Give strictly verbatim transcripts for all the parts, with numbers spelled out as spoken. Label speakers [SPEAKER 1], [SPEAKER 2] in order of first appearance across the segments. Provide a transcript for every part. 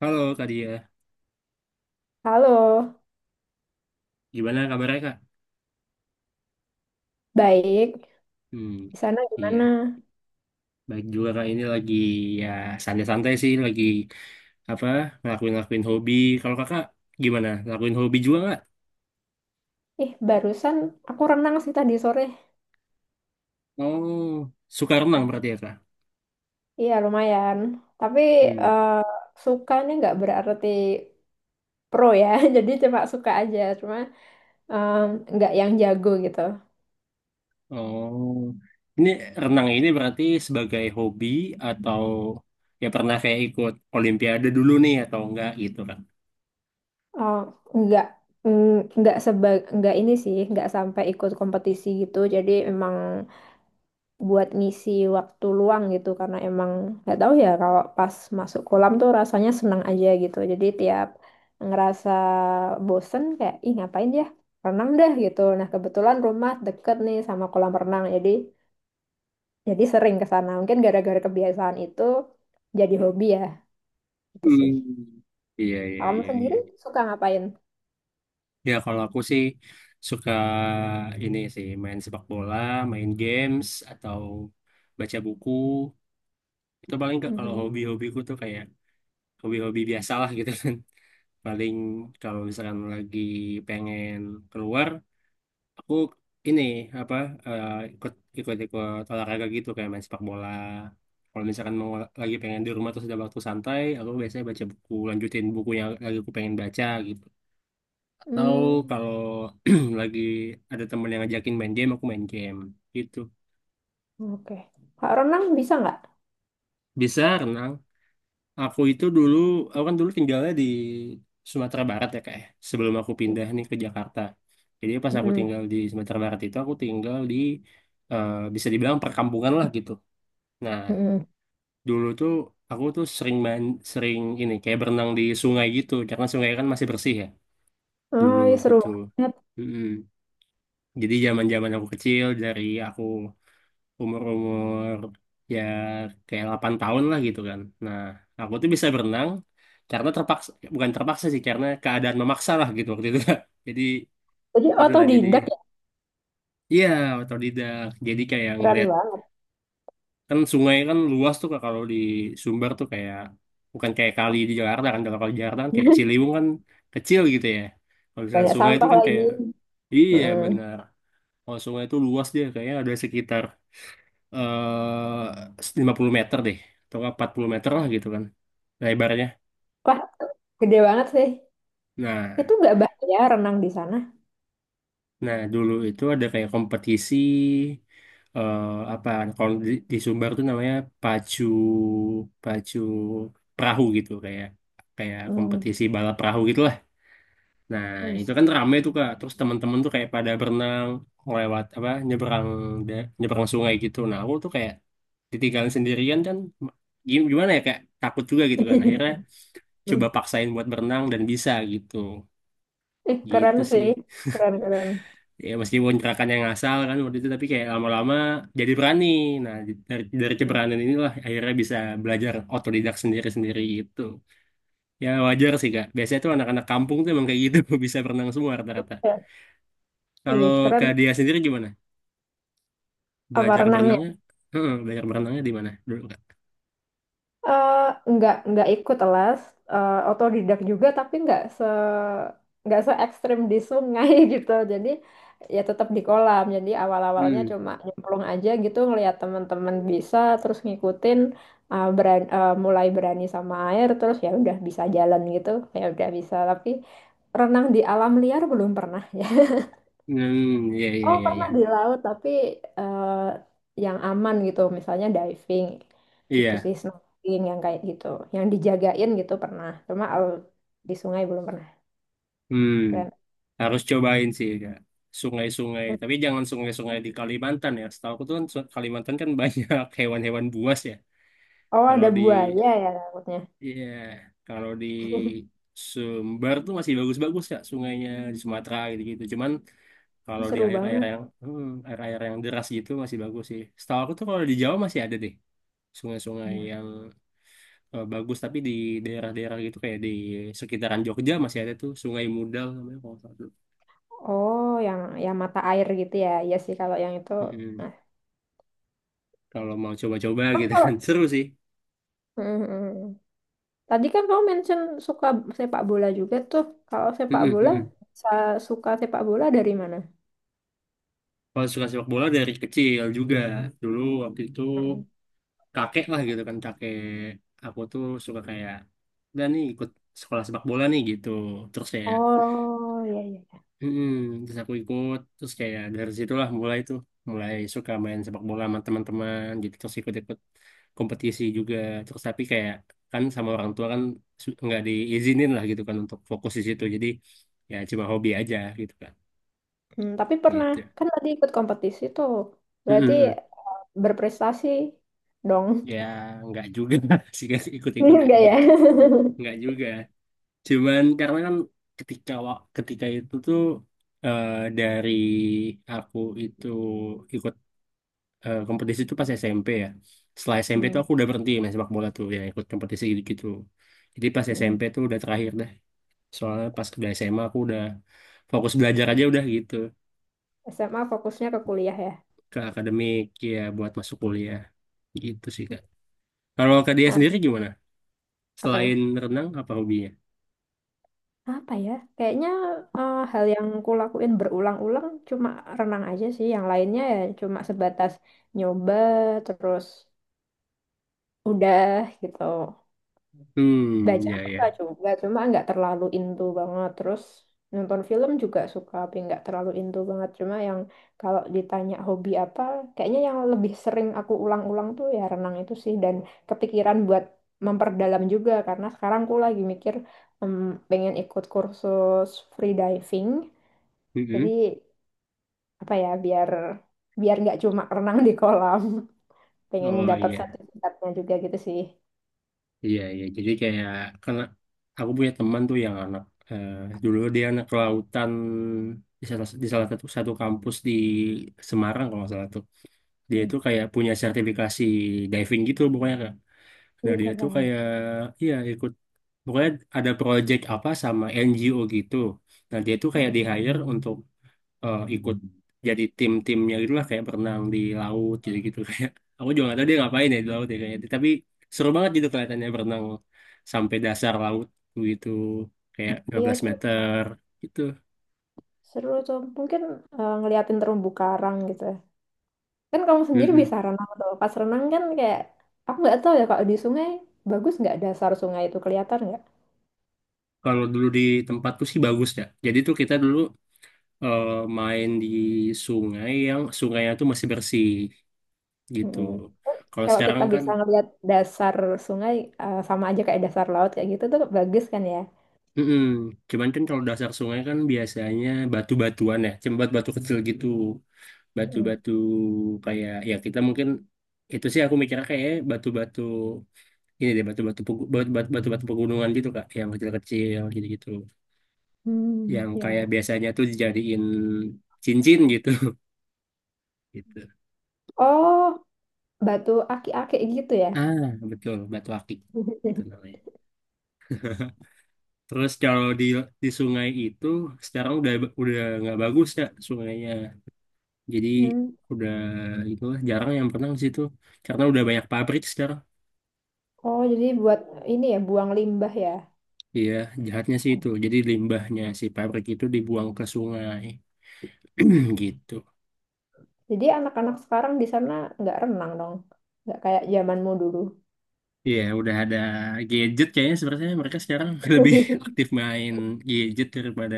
[SPEAKER 1] Halo Kak Dia,
[SPEAKER 2] Halo,
[SPEAKER 1] gimana kabarnya Kak?
[SPEAKER 2] baik.
[SPEAKER 1] Hmm,
[SPEAKER 2] Di sana gimana?
[SPEAKER 1] iya, baik juga Kak. Ini lagi ya santai-santai sih, lagi apa ngelakuin-ngelakuin hobi. Kalau Kakak gimana? Lakuin hobi juga nggak?
[SPEAKER 2] Ih, barusan aku renang sih tadi sore.
[SPEAKER 1] Oh, suka renang berarti
[SPEAKER 2] Ya.
[SPEAKER 1] ya Kak?
[SPEAKER 2] Iya, lumayan. Tapi
[SPEAKER 1] Hmm,
[SPEAKER 2] eh, suka nih nggak berarti pro ya. Jadi cuma suka aja, cuma em, nggak yang jago gitu.
[SPEAKER 1] oh, ini renang ini berarti sebagai hobi atau ya pernah kayak ikut Olimpiade dulu nih atau enggak gitu Kak?
[SPEAKER 2] Eh, nggak mm, nggak seba nggak ini sih, nggak sampai ikut kompetisi gitu. Jadi emang buat ngisi waktu luang gitu karena emang nggak tahu ya kalau pas masuk kolam tuh rasanya senang aja gitu. Jadi tiap ngerasa bosen kayak ih ngapain ya renang deh gitu. Nah, kebetulan rumah deket nih sama kolam renang jadi jadi sering ke sana. Mungkin gara-gara kebiasaan itu jadi hobi ya gitu sih.
[SPEAKER 1] Hmm, iya iya
[SPEAKER 2] Kamu
[SPEAKER 1] iya iya.
[SPEAKER 2] sendiri suka ngapain?
[SPEAKER 1] Ya kalau aku sih suka ini sih main sepak bola, main games, atau baca buku. Itu paling nggak kalau
[SPEAKER 2] Mhm.
[SPEAKER 1] hobi-hobiku tuh kayak hobi-hobi biasa lah gitu kan. Paling kalau misalkan lagi pengen keluar, aku ini apa eh, ikut ikut-ikut olahraga gitu kayak main sepak bola. Kalau misalkan mau lagi pengen di rumah terus ada waktu santai, aku biasanya baca buku, lanjutin buku yang lagi aku pengen baca gitu. Tahu
[SPEAKER 2] Hmm,
[SPEAKER 1] kalau lagi ada temen yang ngajakin main game, aku main game gitu.
[SPEAKER 2] oke Kak, renang bisa nggak?
[SPEAKER 1] Bisa renang. Aku itu dulu, aku kan dulu tinggalnya di Sumatera Barat ya, kayak sebelum aku pindah nih ke Jakarta. Jadi pas aku
[SPEAKER 2] Mhm.
[SPEAKER 1] tinggal di Sumatera Barat itu aku tinggal di eh, bisa dibilang perkampungan lah gitu. Nah,
[SPEAKER 2] Mhm.
[SPEAKER 1] dulu tuh aku tuh sering main, sering ini kayak berenang di sungai gitu karena sungai kan masih bersih ya dulu
[SPEAKER 2] Oh, ya seru
[SPEAKER 1] gitu.
[SPEAKER 2] banget.
[SPEAKER 1] Mm-mm. Jadi zaman-zaman aku kecil dari aku umur-umur ya kayak delapan tahun lah gitu kan. Nah, aku tuh bisa berenang karena terpaksa, bukan terpaksa sih, karena keadaan memaksa lah gitu waktu itu, Kak. Jadi
[SPEAKER 2] Jadi
[SPEAKER 1] inilah, jadi
[SPEAKER 2] otodidak ya,
[SPEAKER 1] iya otodidak. Jadi kayak
[SPEAKER 2] keren
[SPEAKER 1] ngeliat
[SPEAKER 2] banget.
[SPEAKER 1] kan sungai kan luas tuh Kak, kalau di Sumber tuh kayak bukan kayak kali di Jakarta kan, kalau kali di Jakarta kan kayak Ciliwung kan kecil gitu ya. Kalau misalkan
[SPEAKER 2] Banyak
[SPEAKER 1] sungai itu
[SPEAKER 2] sampah
[SPEAKER 1] kan kayak
[SPEAKER 2] lagi.
[SPEAKER 1] iya
[SPEAKER 2] Mm.
[SPEAKER 1] benar. Kalau sungai itu luas dia kayaknya ada sekitar eh lima puluh meter deh atau nggak empat puluh meter lah gitu kan lebarnya.
[SPEAKER 2] Wah, gede banget sih.
[SPEAKER 1] Nah,
[SPEAKER 2] Itu nggak bahaya renang di sana?
[SPEAKER 1] nah dulu itu ada kayak kompetisi eh apa kalau di, di, Sumbar tuh namanya pacu pacu perahu gitu, kayak kayak
[SPEAKER 2] Hmm.
[SPEAKER 1] kompetisi balap perahu gitulah. Nah,
[SPEAKER 2] Yes.
[SPEAKER 1] itu kan rame tuh Kak. Terus teman-teman tuh kayak pada berenang lewat apa nyeberang, da- nyeberang sungai gitu. Nah, aku tuh kayak ditinggalin sendirian kan, gim- gimana ya kayak takut juga gitu kan. Akhirnya coba paksain buat berenang dan bisa gitu
[SPEAKER 2] Eh, keren
[SPEAKER 1] gitu sih
[SPEAKER 2] sih. Keren, keren.
[SPEAKER 1] ya, meskipun gerakan ngasal kan waktu itu tapi kayak lama-lama jadi berani. Nah, dari dari
[SPEAKER 2] Mm.
[SPEAKER 1] keberanian inilah akhirnya bisa belajar otodidak sendiri-sendiri gitu. Ya wajar sih Kak, biasanya tuh anak-anak kampung tuh emang kayak gitu bisa berenang semua rata-rata.
[SPEAKER 2] Ya,
[SPEAKER 1] Kalau
[SPEAKER 2] ih, keren.
[SPEAKER 1] Kak Dia sendiri gimana
[SPEAKER 2] Apa
[SPEAKER 1] belajar
[SPEAKER 2] renangnya?
[SPEAKER 1] berenangnya? Heeh, belajar berenangnya di mana dulu Kak?
[SPEAKER 2] Eh, nggak nggak ikut les, eh, otodidak juga, tapi nggak se nggak se ekstrim di sungai gitu. Jadi ya tetap di kolam. Jadi awal-awalnya
[SPEAKER 1] Hmm,
[SPEAKER 2] cuma nyemplung aja gitu, ngelihat teman-teman bisa terus ngikutin, eh, beran- eh, mulai berani sama air, terus ya udah bisa jalan gitu. Ya udah bisa, tapi renang di alam liar belum pernah. Ya.
[SPEAKER 1] hmm, ya ya
[SPEAKER 2] Oh,
[SPEAKER 1] ya
[SPEAKER 2] pernah di
[SPEAKER 1] ya,
[SPEAKER 2] laut, tapi eh, yang aman gitu, misalnya diving gitu
[SPEAKER 1] iya,
[SPEAKER 2] sih, snorkeling yang kayak gitu, yang dijagain gitu pernah. Cuma kalau di sungai belum pernah.
[SPEAKER 1] hmm.
[SPEAKER 2] Keren.
[SPEAKER 1] Harus cobain sih ya. Sungai-sungai, tapi jangan sungai-sungai di Kalimantan ya. Setahu aku tuh kan, su- Kalimantan kan banyak hewan-hewan buas ya.
[SPEAKER 2] Oh,
[SPEAKER 1] Kalau
[SPEAKER 2] ada
[SPEAKER 1] di
[SPEAKER 2] buaya ya takutnya.
[SPEAKER 1] iya, kalau di Sumber tuh masih bagus-bagus ya sungainya, di Sumatera gitu-gitu. Cuman
[SPEAKER 2] Ih,
[SPEAKER 1] kalau di
[SPEAKER 2] seru
[SPEAKER 1] air-air
[SPEAKER 2] banget.
[SPEAKER 1] yang hmm, air-air yang deras gitu masih bagus sih. Setahu aku tuh kalau di Jawa masih ada deh sungai-sungai
[SPEAKER 2] Nah,
[SPEAKER 1] yang eh, bagus, tapi di daerah-daerah gitu kayak di sekitaran Jogja masih ada tuh Sungai Mudal namanya, kalau nggak
[SPEAKER 2] oh, yang yang mata air gitu ya. Iya sih kalau yang itu.
[SPEAKER 1] salah.
[SPEAKER 2] Nah,
[SPEAKER 1] Kalau mau coba-coba
[SPEAKER 2] kan
[SPEAKER 1] gitu
[SPEAKER 2] kalau.
[SPEAKER 1] kan seru sih.
[SPEAKER 2] Mhm. Tadi kan kamu mention suka sepak bola juga tuh. Kalau sepak
[SPEAKER 1] Mm-mm,
[SPEAKER 2] bola,
[SPEAKER 1] mm-mm.
[SPEAKER 2] sa- suka sepak bola dari mana?
[SPEAKER 1] Kalau suka sepak bola dari kecil juga. Dulu waktu itu
[SPEAKER 2] Mhm.
[SPEAKER 1] kakek lah gitu kan, kakek aku tuh suka kayak dan nih ikut sekolah sepak bola nih gitu. Terus kayak
[SPEAKER 2] Oh, iya iya.
[SPEAKER 1] mm-mm, terus aku ikut, terus kayak dari situlah mulai tuh mulai suka main sepak bola sama teman-teman gitu. Terus ikut-ikut kompetisi juga terus, tapi kayak kan sama orang tua kan, su- nggak diizinin lah gitu kan untuk fokus di situ, jadi ya cuma hobi aja gitu kan
[SPEAKER 2] Hmm, tapi pernah
[SPEAKER 1] gitu.
[SPEAKER 2] kan tadi ikut kompetisi tuh.
[SPEAKER 1] Mm-mm,
[SPEAKER 2] Berarti
[SPEAKER 1] mm, mm.
[SPEAKER 2] berprestasi dong.
[SPEAKER 1] Ya, nggak juga sih guys, ikut-ikut
[SPEAKER 2] Enggak
[SPEAKER 1] aja.
[SPEAKER 2] ya?
[SPEAKER 1] Nggak juga. Cuman karena kan ketika wa- ketika itu tuh eh, dari aku itu ikut eh, kompetisi itu pas S M P ya. Setelah S M P tuh
[SPEAKER 2] Hmm,
[SPEAKER 1] aku udah berhenti main sepak bola tuh, ya ikut kompetisi gitu-gitu. Jadi pas
[SPEAKER 2] hmm.
[SPEAKER 1] S M P tuh udah terakhir deh. Soalnya pas udah S M A aku udah fokus belajar aja udah gitu,
[SPEAKER 2] S M A fokusnya ke kuliah ya.
[SPEAKER 1] ke akademik, ya buat masuk kuliah. Gitu sih Kak. Kalau Kak Dia
[SPEAKER 2] Ah,
[SPEAKER 1] sendiri gimana? Selain
[SPEAKER 2] apanya?
[SPEAKER 1] renang apa hobinya?
[SPEAKER 2] Apa ya? Kayaknya eh, hal yang kulakuin berulang-ulang cuma renang aja sih. Yang lainnya ya cuma sebatas nyoba terus udah gitu.
[SPEAKER 1] Hmm,
[SPEAKER 2] Baca
[SPEAKER 1] ya
[SPEAKER 2] suka
[SPEAKER 1] ya.
[SPEAKER 2] juga, cuma nggak terlalu into banget. Terus nonton film juga suka, tapi nggak terlalu into banget. Cuma yang, kalau ditanya hobi apa, kayaknya yang lebih sering aku ulang-ulang tuh ya renang itu sih. Dan kepikiran buat memperdalam juga, karena sekarang aku lagi mikir em, pengen ikut kursus free diving. Jadi
[SPEAKER 1] Mm-mm.
[SPEAKER 2] apa ya, biar biar nggak cuma renang di kolam, pengen
[SPEAKER 1] Oh
[SPEAKER 2] dapat
[SPEAKER 1] iya,
[SPEAKER 2] sertifikatnya juga gitu sih.
[SPEAKER 1] iya iya. Jadi kayak karena aku punya teman tuh yang anak eh, dulu dia anak kelautan di salah, di salah satu satu kampus di Semarang, kalau nggak salah tuh. Dia
[SPEAKER 2] Hmm,
[SPEAKER 1] tuh kayak punya sertifikasi diving gitu, pokoknya Kak. Nah
[SPEAKER 2] wih,
[SPEAKER 1] dia tuh
[SPEAKER 2] keren.
[SPEAKER 1] kayak iya ikut, pokoknya ada project apa sama N G O gitu. Nah dia tuh kayak
[SPEAKER 2] Mm.
[SPEAKER 1] di hire untuk eh, ikut, jadi tim-timnya gitu lah kayak berenang di laut gitu gitu. Kayak aku juga nggak tahu dia ngapain ya di laut ya kayaknya, tapi seru banget gitu kelihatannya berenang sampai dasar laut gitu kayak
[SPEAKER 2] Iya
[SPEAKER 1] 15
[SPEAKER 2] tuh,
[SPEAKER 1] meter gitu.
[SPEAKER 2] seru tuh. Mungkin eh, ngeliatin terumbu karang gitu ya. Kan kamu sendiri
[SPEAKER 1] Mm-mm.
[SPEAKER 2] bisa renang tuh. Pas renang kan kayak, aku nggak tahu ya kalau di sungai, bagus nggak dasar sungai itu, kelihatan nggak?
[SPEAKER 1] Kalau dulu di tempatku sih bagus ya, jadi tuh kita dulu eh, main di sungai yang sungainya tuh masih bersih gitu.
[SPEAKER 2] Mm-mm.
[SPEAKER 1] Kalau
[SPEAKER 2] Kalau kita
[SPEAKER 1] sekarang kan
[SPEAKER 2] bisa ngeliat dasar sungai, eh, sama aja kayak dasar laut kayak gitu, tuh bagus kan ya?
[SPEAKER 1] mm. Cuman kan kalau dasar sungai kan biasanya batu-batuan ya, cuma batu-batu kecil gitu.
[SPEAKER 2] Mm.
[SPEAKER 1] Batu-batu kayak ya kita mungkin itu sih aku mikirnya kayak batu-batu ini deh, batu-batu pegu- batu- batu- batu-batu pegunungan gitu Kak, yang kecil-kecil gitu-gitu
[SPEAKER 2] Hmm,
[SPEAKER 1] yang kayak
[SPEAKER 2] ya.
[SPEAKER 1] biasanya tuh dijadiin cincin gitu. Gitu.
[SPEAKER 2] Oh, batu aki-aki gitu ya.
[SPEAKER 1] Ah, betul batu akik itu namanya. Terus kalau di di sungai itu sekarang udah udah nggak bagus ya sungainya, jadi
[SPEAKER 2] Hmm.
[SPEAKER 1] udah itu jarang yang berenang di situ karena udah banyak pabrik sekarang.
[SPEAKER 2] Oh, jadi buat ini ya, buang limbah ya.
[SPEAKER 1] Iya, jahatnya sih itu. Jadi limbahnya si pabrik itu dibuang ke sungai. Gitu.
[SPEAKER 2] Jadi anak-anak sekarang di sana nggak renang dong. Nggak kayak zamanmu dulu.
[SPEAKER 1] Iya, udah ada gadget kayaknya, sebenarnya mereka sekarang lebih aktif main gadget daripada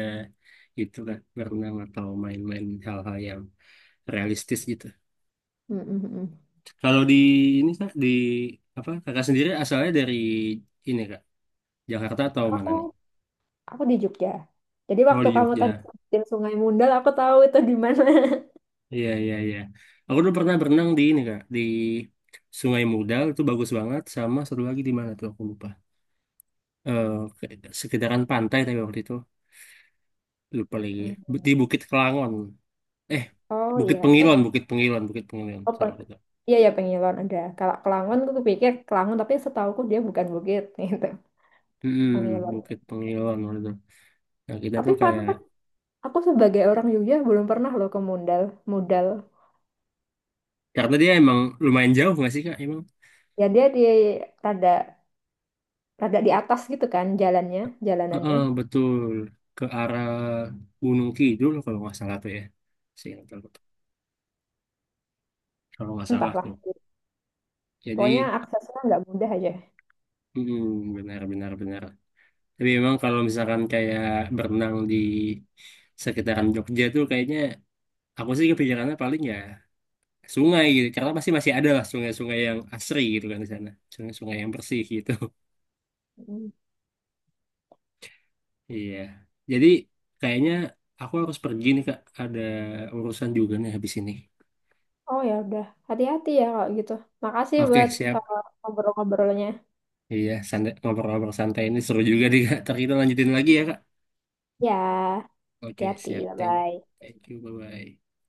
[SPEAKER 1] itu kan berenang atau main-main hal-hal yang realistis gitu.
[SPEAKER 2] Mm, mm, mm.
[SPEAKER 1] Kalau di ini Kak, di apa kakak sendiri asalnya dari ini Kak, Jakarta atau mana nih?
[SPEAKER 2] Aku aku di Jogja. Jadi
[SPEAKER 1] Oh
[SPEAKER 2] waktu
[SPEAKER 1] di
[SPEAKER 2] kamu tadi
[SPEAKER 1] Jogja.
[SPEAKER 2] sebutin Sungai Mundal, aku tahu itu di mana.
[SPEAKER 1] Iya iya iya. Aku dulu pernah berenang di ini Kak, di Sungai Mudal itu bagus banget, sama satu lagi di mana tuh aku lupa. eh Sekedaran pantai tapi waktu itu lupa lagi, di
[SPEAKER 2] Mm.
[SPEAKER 1] Bukit Kelangon eh
[SPEAKER 2] Oh
[SPEAKER 1] Bukit
[SPEAKER 2] iya, eh
[SPEAKER 1] Pengilon, Bukit Pengilon, Bukit Pengilon
[SPEAKER 2] oh,
[SPEAKER 1] saya
[SPEAKER 2] peng
[SPEAKER 1] waktu itu.
[SPEAKER 2] iya ya Pengilon ada. Kalau Kelangon, aku pikir Kelangon tapi setauku dia bukan bukit gitu.
[SPEAKER 1] hmm,
[SPEAKER 2] Pengilon.
[SPEAKER 1] Bukit Pengilon waktu itu, nah kita
[SPEAKER 2] Tapi
[SPEAKER 1] tuh
[SPEAKER 2] fun
[SPEAKER 1] kayak
[SPEAKER 2] fact, aku sebagai orang Jogja belum pernah loh ke Mundal. Mundal.
[SPEAKER 1] karena dia emang lumayan jauh nggak sih Kak emang.
[SPEAKER 2] Ya dia di rada rada di atas gitu kan jalannya, jalanannya.
[SPEAKER 1] Heeh, betul, ke arah Gunung Kidul kalau nggak salah tuh ya. Seingat aku tuh. Kalau nggak salah
[SPEAKER 2] Entahlah.
[SPEAKER 1] tuh
[SPEAKER 2] Pokoknya
[SPEAKER 1] jadi
[SPEAKER 2] aksesnya nggak mudah aja.
[SPEAKER 1] hmm, benar benar benar. Tapi memang kalau misalkan kayak berenang di sekitaran Jogja tuh kayaknya aku sih kepikirannya paling ya sungai gitu. Jakarta pasti masih ada lah sungai-sungai yang asri gitu kan di sana. Sungai-sungai yang bersih gitu. Iya. Jadi kayaknya aku harus pergi nih Kak. Ada urusan juga nih habis ini.
[SPEAKER 2] Oh ya udah, hati-hati ya kalau gitu. Makasih
[SPEAKER 1] Oke,
[SPEAKER 2] buat
[SPEAKER 1] siap.
[SPEAKER 2] eh, ngobrol-ngobrolnya.
[SPEAKER 1] Iya, santai, ngobrol-ngobrol santai ini seru juga nih Kak. Ntar kita lanjutin lagi ya Kak.
[SPEAKER 2] Ya,
[SPEAKER 1] Oke,
[SPEAKER 2] hati-hati,
[SPEAKER 1] siap. Thank,
[SPEAKER 2] bye-bye.
[SPEAKER 1] thank you. Bye-bye.